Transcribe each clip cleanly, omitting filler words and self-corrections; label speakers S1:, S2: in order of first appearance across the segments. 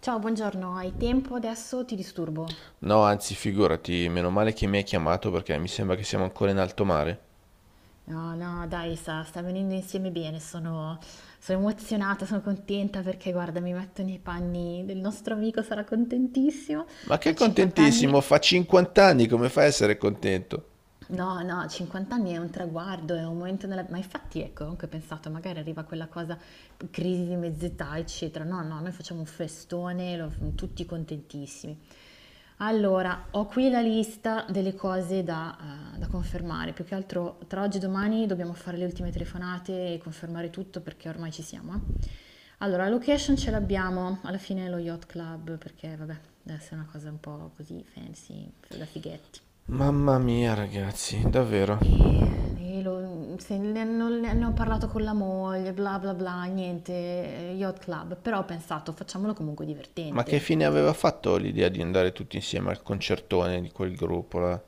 S1: Ciao, buongiorno, hai tempo adesso? Ti disturbo?
S2: No, anzi, figurati, meno male che mi hai chiamato perché mi sembra che siamo ancora in alto mare.
S1: No, no, dai, sta venendo insieme bene, sono emozionata, sono contenta perché guarda, mi metto nei panni del nostro amico, sarà contentissimo.
S2: Ma che
S1: Ha 50 anni.
S2: contentissimo, fa 50 anni, come fai a essere contento?
S1: No, no, 50 anni è un traguardo, è un momento nella... Ma infatti ecco, anche ho pensato, magari arriva quella cosa, crisi di mezz'età, eccetera. No, no, noi facciamo un festone, tutti contentissimi. Allora, ho qui la lista delle cose da, da confermare. Più che altro, tra oggi e domani dobbiamo fare le ultime telefonate e confermare tutto perché ormai ci siamo, Allora, la location ce l'abbiamo, alla fine è lo Yacht Club, perché vabbè, deve essere una cosa un po' così fancy, da fighetti.
S2: Mamma mia, ragazzi, davvero.
S1: E, e lo- se ne, non- ne ho parlato con la moglie, bla bla bla, niente, yacht club, però ho pensato facciamolo comunque
S2: Ma che
S1: divertente.
S2: fine aveva fatto l'idea di andare tutti insieme al concertone di quel gruppo là?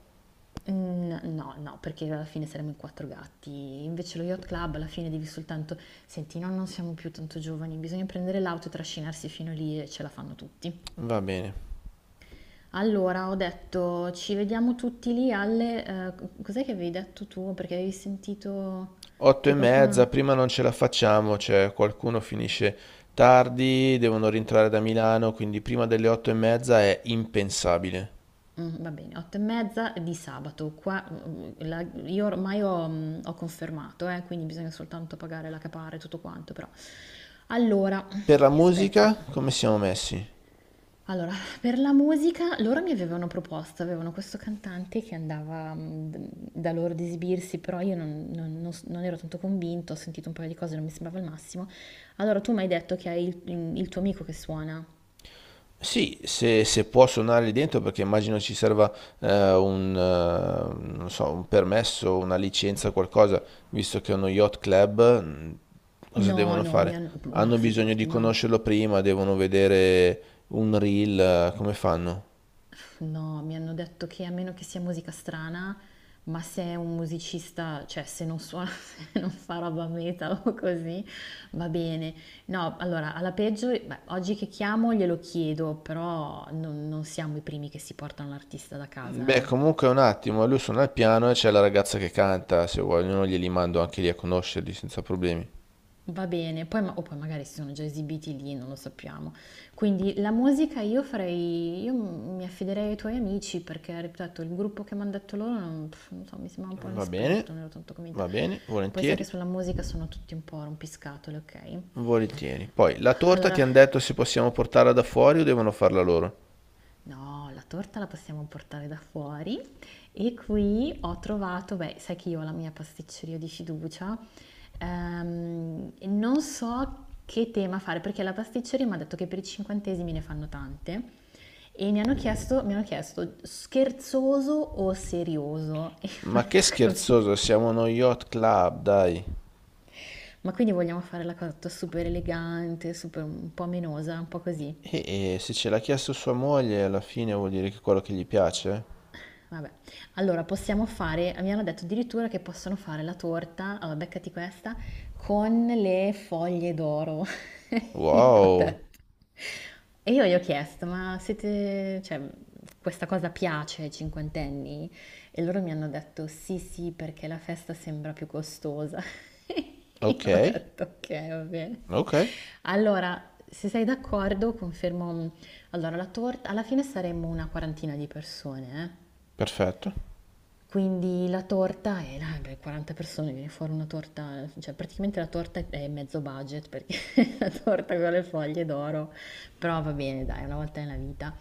S1: Mm, No, no, perché alla fine saremo in quattro gatti. Invece lo yacht club alla fine devi soltanto... Senti, no, non siamo più tanto giovani, bisogna prendere l'auto e trascinarsi fino lì e ce la fanno tutti.
S2: Va bene.
S1: Allora, ho detto, ci vediamo tutti lì alle... cos'è che avevi detto tu? Perché avevi sentito
S2: Otto e
S1: che
S2: mezza,
S1: qualcuno...
S2: prima non ce la facciamo, cioè qualcuno finisce tardi, devono rientrare da Milano, quindi prima delle otto e mezza è impensabile.
S1: Va bene, 8 e mezza di sabato. Qua, la io ormai ho ho confermato, quindi bisogna soltanto pagare la capare e tutto quanto, però. Allora,
S2: Per la
S1: aspetta.
S2: musica, come siamo messi?
S1: Allora, per la musica loro mi avevano proposto, avevano questo cantante che andava, d da loro ad esibirsi, però io non non non s non ero tanto convinta, ho sentito un paio di cose, non mi sembrava il massimo. Allora tu m'hai detto che hai il il tuo amico che suona.
S2: Sì, se può suonare lì dentro, perché immagino ci serva un, non so, un permesso, una licenza, qualcosa, visto che è uno yacht club, cosa
S1: No,
S2: devono
S1: no, mi
S2: fare?
S1: han ma
S2: Hanno bisogno di
S1: figurati, no.
S2: conoscerlo prima, devono vedere un reel, come fanno?
S1: No, mi hanno detto che a meno che sia musica strana, ma se è un musicista, cioè se non suona, se non fa roba metal o così, va bene. No, allora, alla peggio, beh, oggi che chiamo glielo chiedo, però non siamo i primi che si portano l'artista da casa,
S2: Beh,
S1: eh.
S2: comunque un attimo, lui suona il piano e c'è la ragazza che canta, se vogliono glieli mando anche lì a conoscerli senza problemi.
S1: Va bene, poi ma- o poi magari si sono già esibiti lì, non lo sappiamo. Quindi la musica io farei, mi affiderei ai tuoi amici perché, ripeto, il gruppo che mi hanno detto loro, non, pff, non so, mi sembrava un po'
S2: Va bene,
S1: inesperto, non ero tanto convinta.
S2: va bene,
S1: Poi sai che
S2: volentieri.
S1: sulla musica sono tutti un po' rompiscatole, ok?
S2: Volentieri. Poi, la torta ti
S1: Allora,
S2: hanno detto se possiamo portarla da fuori o devono farla loro?
S1: no, la torta la possiamo portare da fuori e qui ho trovato, beh, sai che io ho la mia pasticceria di fiducia, e non so che tema fare perché la pasticceria mi ha detto che per i cinquantesimi ne fanno tante e mi hanno chiesto scherzoso o serioso e io non
S2: Ma che
S1: ho capito.
S2: scherzoso, siamo uno yacht club, dai.
S1: Ma quindi vogliamo fare la cosa super elegante, super un po' menosa, un po' così.
S2: E se ce l'ha chiesto sua moglie, alla fine vuol dire che è quello che gli piace?
S1: Vabbè, allora possiamo fare, mi hanno detto addirittura che possono fare la torta, allora beccati questa, con le foglie d'oro. Io ho
S2: Wow.
S1: detto. E io gli ho chiesto, ma siete, cioè, questa cosa piace ai cinquantenni? E loro mi hanno detto, sì, sì, perché la festa sembra più costosa.
S2: Ok,
S1: Io ho detto, ok, va bene.
S2: ok,
S1: Allora, se sei d'accordo, confermo. Allora, la torta, alla fine saremmo una quarantina di persone, eh.
S2: perfetto.
S1: Quindi la torta è, ah, beh, 40 persone, viene fuori una torta, cioè praticamente la torta è mezzo budget perché la torta con le foglie d'oro, però va bene, dai, una volta nella vita.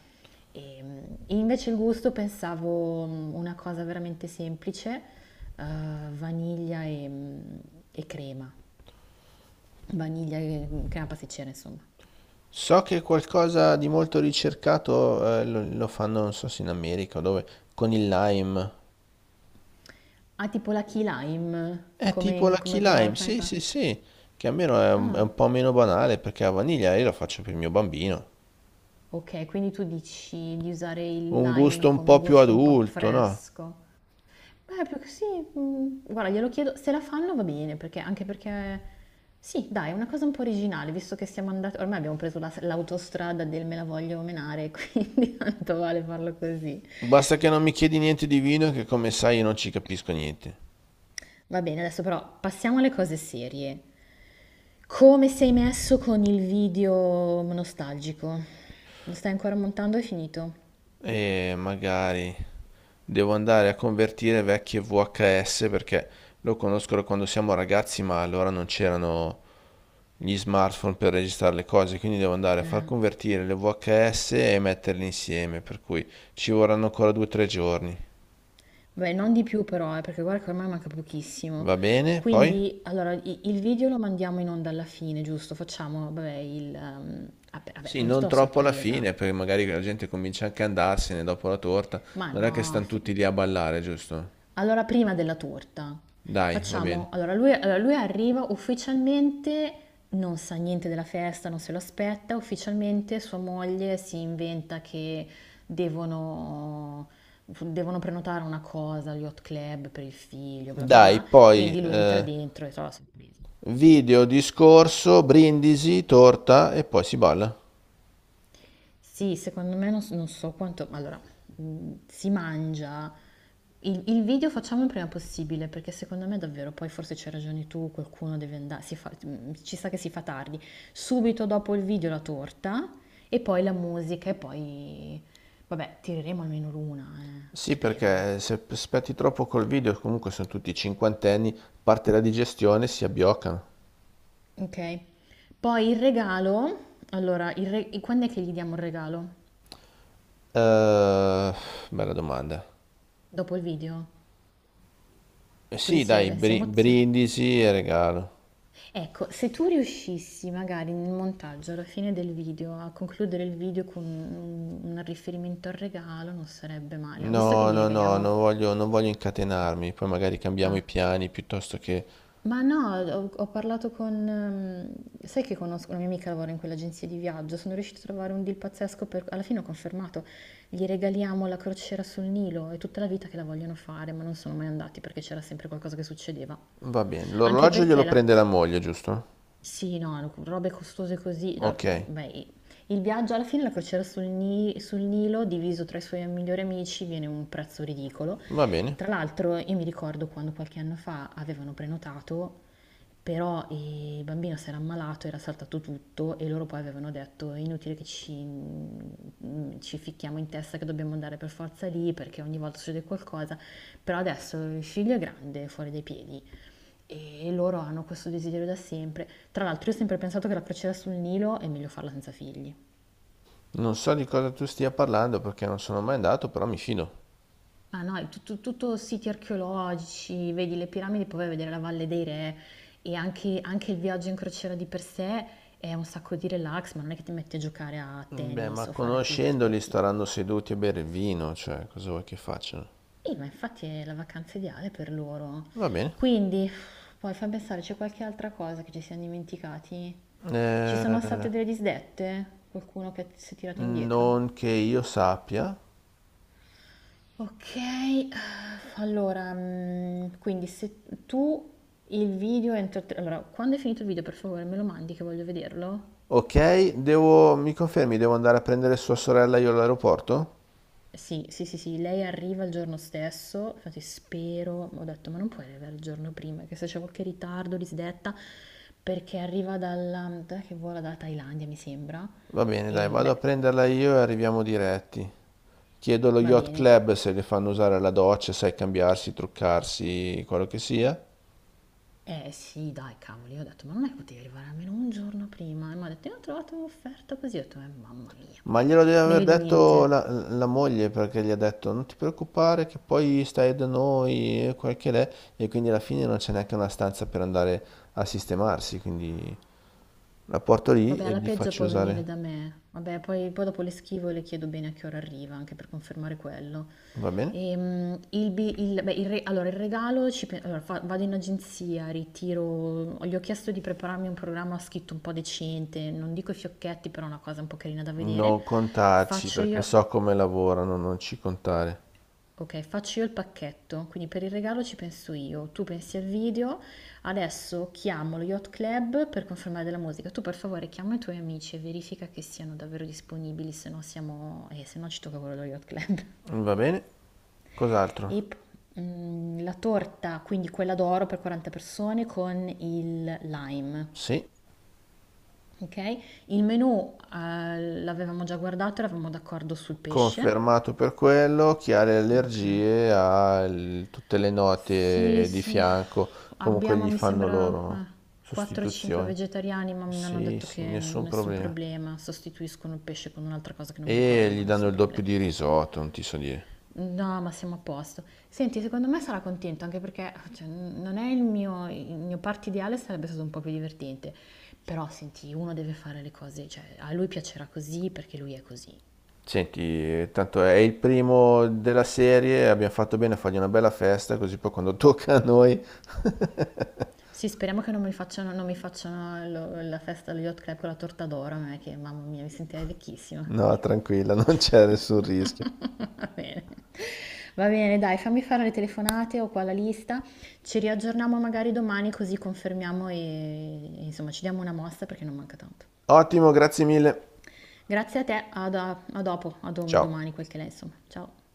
S1: Ehm, E, invece il gusto pensavo una cosa veramente semplice, eh, vaniglia e crema, vaniglia e crema pasticcera, insomma.
S2: So che qualcosa di molto ricercato lo, lo fanno, non so se in America o dove, con il lime.
S1: Ah, tipo la key lime,
S2: È tipo la key
S1: come quella roba
S2: lime,
S1: che fai
S2: sì,
S1: fa?
S2: sì, sì. Che almeno è
S1: Ah,
S2: un po' meno banale perché la vaniglia io la faccio per il mio bambino.
S1: okay, quindi tu dici di usare il
S2: Un
S1: lime
S2: gusto un
S1: come
S2: po' più
S1: gusto un po'
S2: adulto, no?
S1: fresco. Beh, più che sì, guarda glielo chiedo, se la fanno va bene, perché anche perché sì dai, è una cosa un po' originale, visto che siamo andati ormai abbiamo preso la s l'autostrada del me la voglio menare, quindi tanto vale farlo così.
S2: Basta che non mi chiedi niente di vino che come sai io non ci capisco niente.
S1: Va bene, adesso però passiamo alle cose serie. Come sei messo con il video nostalgico? Lo stai ancora montando? È finito?
S2: E magari devo andare a convertire vecchie VHS perché lo conosco da quando siamo ragazzi, ma allora non c'erano gli smartphone per registrare le cose, quindi devo andare a far
S1: Eh.
S2: convertire le VHS e metterle insieme, per cui ci vorranno ancora due o tre giorni.
S1: Beh, non di più però, perché guarda che ormai manca pochissimo.
S2: Va bene? Poi?
S1: Quindi, allora, il video lo mandiamo in onda alla fine, giusto? Facciamo, vabbè, il...
S2: Sì,
S1: prima di tutto
S2: non
S1: la
S2: troppo alla
S1: sorpresa.
S2: fine, perché magari la gente comincia anche a andarsene dopo la torta.
S1: Ma
S2: Non è che
S1: no,
S2: stanno
S1: fi-
S2: tutti lì a ballare, giusto?
S1: Allora, prima della torta,
S2: Dai, va
S1: facciamo...
S2: bene.
S1: Allora, lui arriva ufficialmente, non sa niente della festa, non se lo aspetta, ufficialmente sua moglie si inventa che devono, devono prenotare una cosa, agli hot club per il figlio, bla bla
S2: Dai,
S1: bla,
S2: poi
S1: quindi lui entra dentro e trova la sorpresa.
S2: video, discorso, brindisi, torta e poi si balla.
S1: Sì, secondo me non, non so quanto... Allora, si mangia... il video facciamo il prima possibile, perché secondo me davvero, poi forse c'hai ragione tu, qualcuno deve andare, ci sa che si fa tardi. Subito dopo il video la torta e poi la musica e poi... Vabbè, tireremo almeno l'una,
S2: Sì,
S1: spero.
S2: perché se aspetti troppo col video, comunque sono tutti cinquantenni, parte la digestione, si abbioccano.
S1: Ok? Poi il regalo... Allora, quando è che gli diamo il regalo?
S2: Eh, bella domanda.
S1: Dopo il video?
S2: Eh
S1: Così
S2: sì, dai,
S1: si emozia?
S2: brindisi e regalo.
S1: Ecco, se tu riuscissi magari nel montaggio, alla fine del video, a concludere il video con un riferimento al regalo, non sarebbe male. Visto che
S2: No,
S1: gli
S2: no, no,
S1: regaliamo...
S2: non voglio, non voglio incatenarmi, poi magari cambiamo
S1: Ah,
S2: i piani piuttosto che...
S1: ma no, ho parlato con... sai che conosco una mia amica lavora in quell'agenzia di viaggio, sono riuscita a trovare un deal pazzesco per... Alla fine ho confermato, gli regaliamo la crociera sul Nilo, è tutta la vita che la vogliono fare, ma non sono mai andati perché c'era sempre qualcosa che succedeva.
S2: Va bene,
S1: Anche
S2: l'orologio
S1: perché
S2: glielo
S1: la-
S2: prende la moglie, giusto?
S1: Sì, no, no, robe costose così. No,
S2: Ok,
S1: beh, i- il viaggio alla fine, la crociera sul Nilo, diviso tra i suoi migliori amici, viene un prezzo ridicolo.
S2: va bene.
S1: Tra l'altro, io mi ricordo quando qualche anno fa avevano prenotato, però il bambino si era ammalato, era saltato tutto e loro poi avevano detto: è inutile che ci ficchiamo in testa che dobbiamo andare per forza lì perché ogni volta succede qualcosa. Però adesso il figlio è grande, fuori dai piedi. E loro hanno questo desiderio da sempre. Tra l'altro, io ho sempre pensato che la crociera sul Nilo è meglio farla senza figli.
S2: Non so di cosa tu stia parlando perché non sono mai andato, però mi fido.
S1: Ma no, è tutto, tutto siti archeologici, vedi le piramidi, poi vai a vedere la Valle dei Re anche il viaggio in crociera di per sé è un sacco di relax, ma non è che ti metti a giocare a
S2: Beh,
S1: tennis
S2: ma
S1: o fare attività
S2: conoscendoli
S1: sportive.
S2: staranno seduti a bere il vino, cioè, cosa vuoi che facciano?
S1: E ma infatti è la vacanza ideale per loro.
S2: Va bene.
S1: Quindi, poi fammi pensare, c'è qualche altra cosa che ci siamo dimenticati? Ci sono
S2: Eh,
S1: state delle disdette? Qualcuno che si è tirato indietro?
S2: non che io sappia.
S1: Ok, allora, quindi se tu il video entro... allora, quando è finito il video, per favore, me lo mandi che voglio vederlo?
S2: Ok, devo... mi confermi, devo andare a prendere sua sorella io all'aeroporto?
S1: Sì, sì, sì, sì, lei arriva il giorno stesso, infatti spero, ho detto, ma non puoi arrivare il giorno prima, che se c'è qualche ritardo, disdetta, perché arriva dalla... dov'è che vola dalla Thailandia, mi sembra,
S2: Va bene, dai,
S1: e
S2: vado
S1: beh,
S2: a prenderla io e arriviamo diretti. Chiedo allo
S1: va
S2: yacht
S1: bene.
S2: club se le fanno usare la doccia, sai, cambiarsi, truccarsi, quello che sia.
S1: Eh sì, dai, cavoli, io ho detto, ma non è che potevi arrivare almeno un giorno prima? E mi ha detto, io ho trovato un'offerta così, ho detto, mamma mia, vabbè,
S2: Ma glielo deve aver
S1: meglio di
S2: detto
S1: niente.
S2: la moglie perché gli ha detto non ti preoccupare che poi stai da noi e quel che l'è e quindi alla fine non c'è neanche una stanza per andare a sistemarsi, quindi la porto lì
S1: Vabbè,
S2: e
S1: alla
S2: gli
S1: peggio
S2: faccio
S1: può venire
S2: usare.
S1: da me, vabbè, poi dopo le schivo e le chiedo bene a che ora arriva, anche per confermare quello.
S2: Va bene?
S1: Il, bi- il- beh, il re- allora, il regalo, ci pe- allora, fa- vado in agenzia, ritiro, gli ho chiesto di prepararmi un programma scritto un po' decente, non dico i fiocchetti, però una cosa un po' carina da vedere.
S2: Non contarci
S1: Faccio
S2: perché
S1: io,
S2: so come lavorano, non ci contare.
S1: Ok, faccio io il pacchetto, quindi per il regalo ci penso io, tu pensi al video, adesso chiamo lo Yacht Club per confermare della musica, tu per favore chiama i tuoi amici e verifica che siano davvero disponibili, se no siamo, se no ci tocca quello dello Yacht Club.
S2: Va bene? Cos'altro?
S1: La torta, quindi quella d'oro per 40 persone con il lime,
S2: Sì.
S1: ok? Il menù l'avevamo già guardato, eravamo d'accordo sul pesce,
S2: Confermato per quello, chi ha le
S1: ok?
S2: allergie ha tutte le
S1: Sì,
S2: note di
S1: sì,
S2: fianco, comunque
S1: abbiamo,
S2: gli
S1: mi
S2: fanno
S1: sembra,
S2: loro
S1: 4-5
S2: sostituzioni.
S1: vegetariani, ma mi hanno
S2: Sì,
S1: detto
S2: sì,
S1: che
S2: nessun
S1: nessun
S2: problema.
S1: problema, sostituiscono il pesce con un'altra cosa che non mi
S2: E
S1: ricordo,
S2: gli
S1: ma
S2: danno
S1: nessun
S2: il doppio
S1: problema.
S2: di risotto, non ti so dire.
S1: No, ma siamo a posto. Senti, secondo me sarà contento, anche perché cioè, non è il mio party ideale, sarebbe stato un po' più divertente. Però, senti, uno deve fare le cose, cioè, a lui piacerà così perché lui è così.
S2: Senti, tanto è il primo della serie, abbiamo fatto bene a fargli una bella festa, così poi quando tocca a noi,
S1: Sì, speriamo che non mi facciano la festa allo Yacht Club con la torta d'oro, non è che, mamma mia, mi sentirei vecchissima.
S2: no, tranquilla, non c'è nessun rischio.
S1: Va bene. Va bene, dai, fammi fare le telefonate, ho qua la lista. Ci riaggiorniamo magari domani così confermiamo e, insomma ci diamo una mossa perché non manca tanto.
S2: Ottimo, grazie mille.
S1: Grazie a te, a dopo,
S2: Ciao.
S1: domani, quel che è, insomma. Ciao.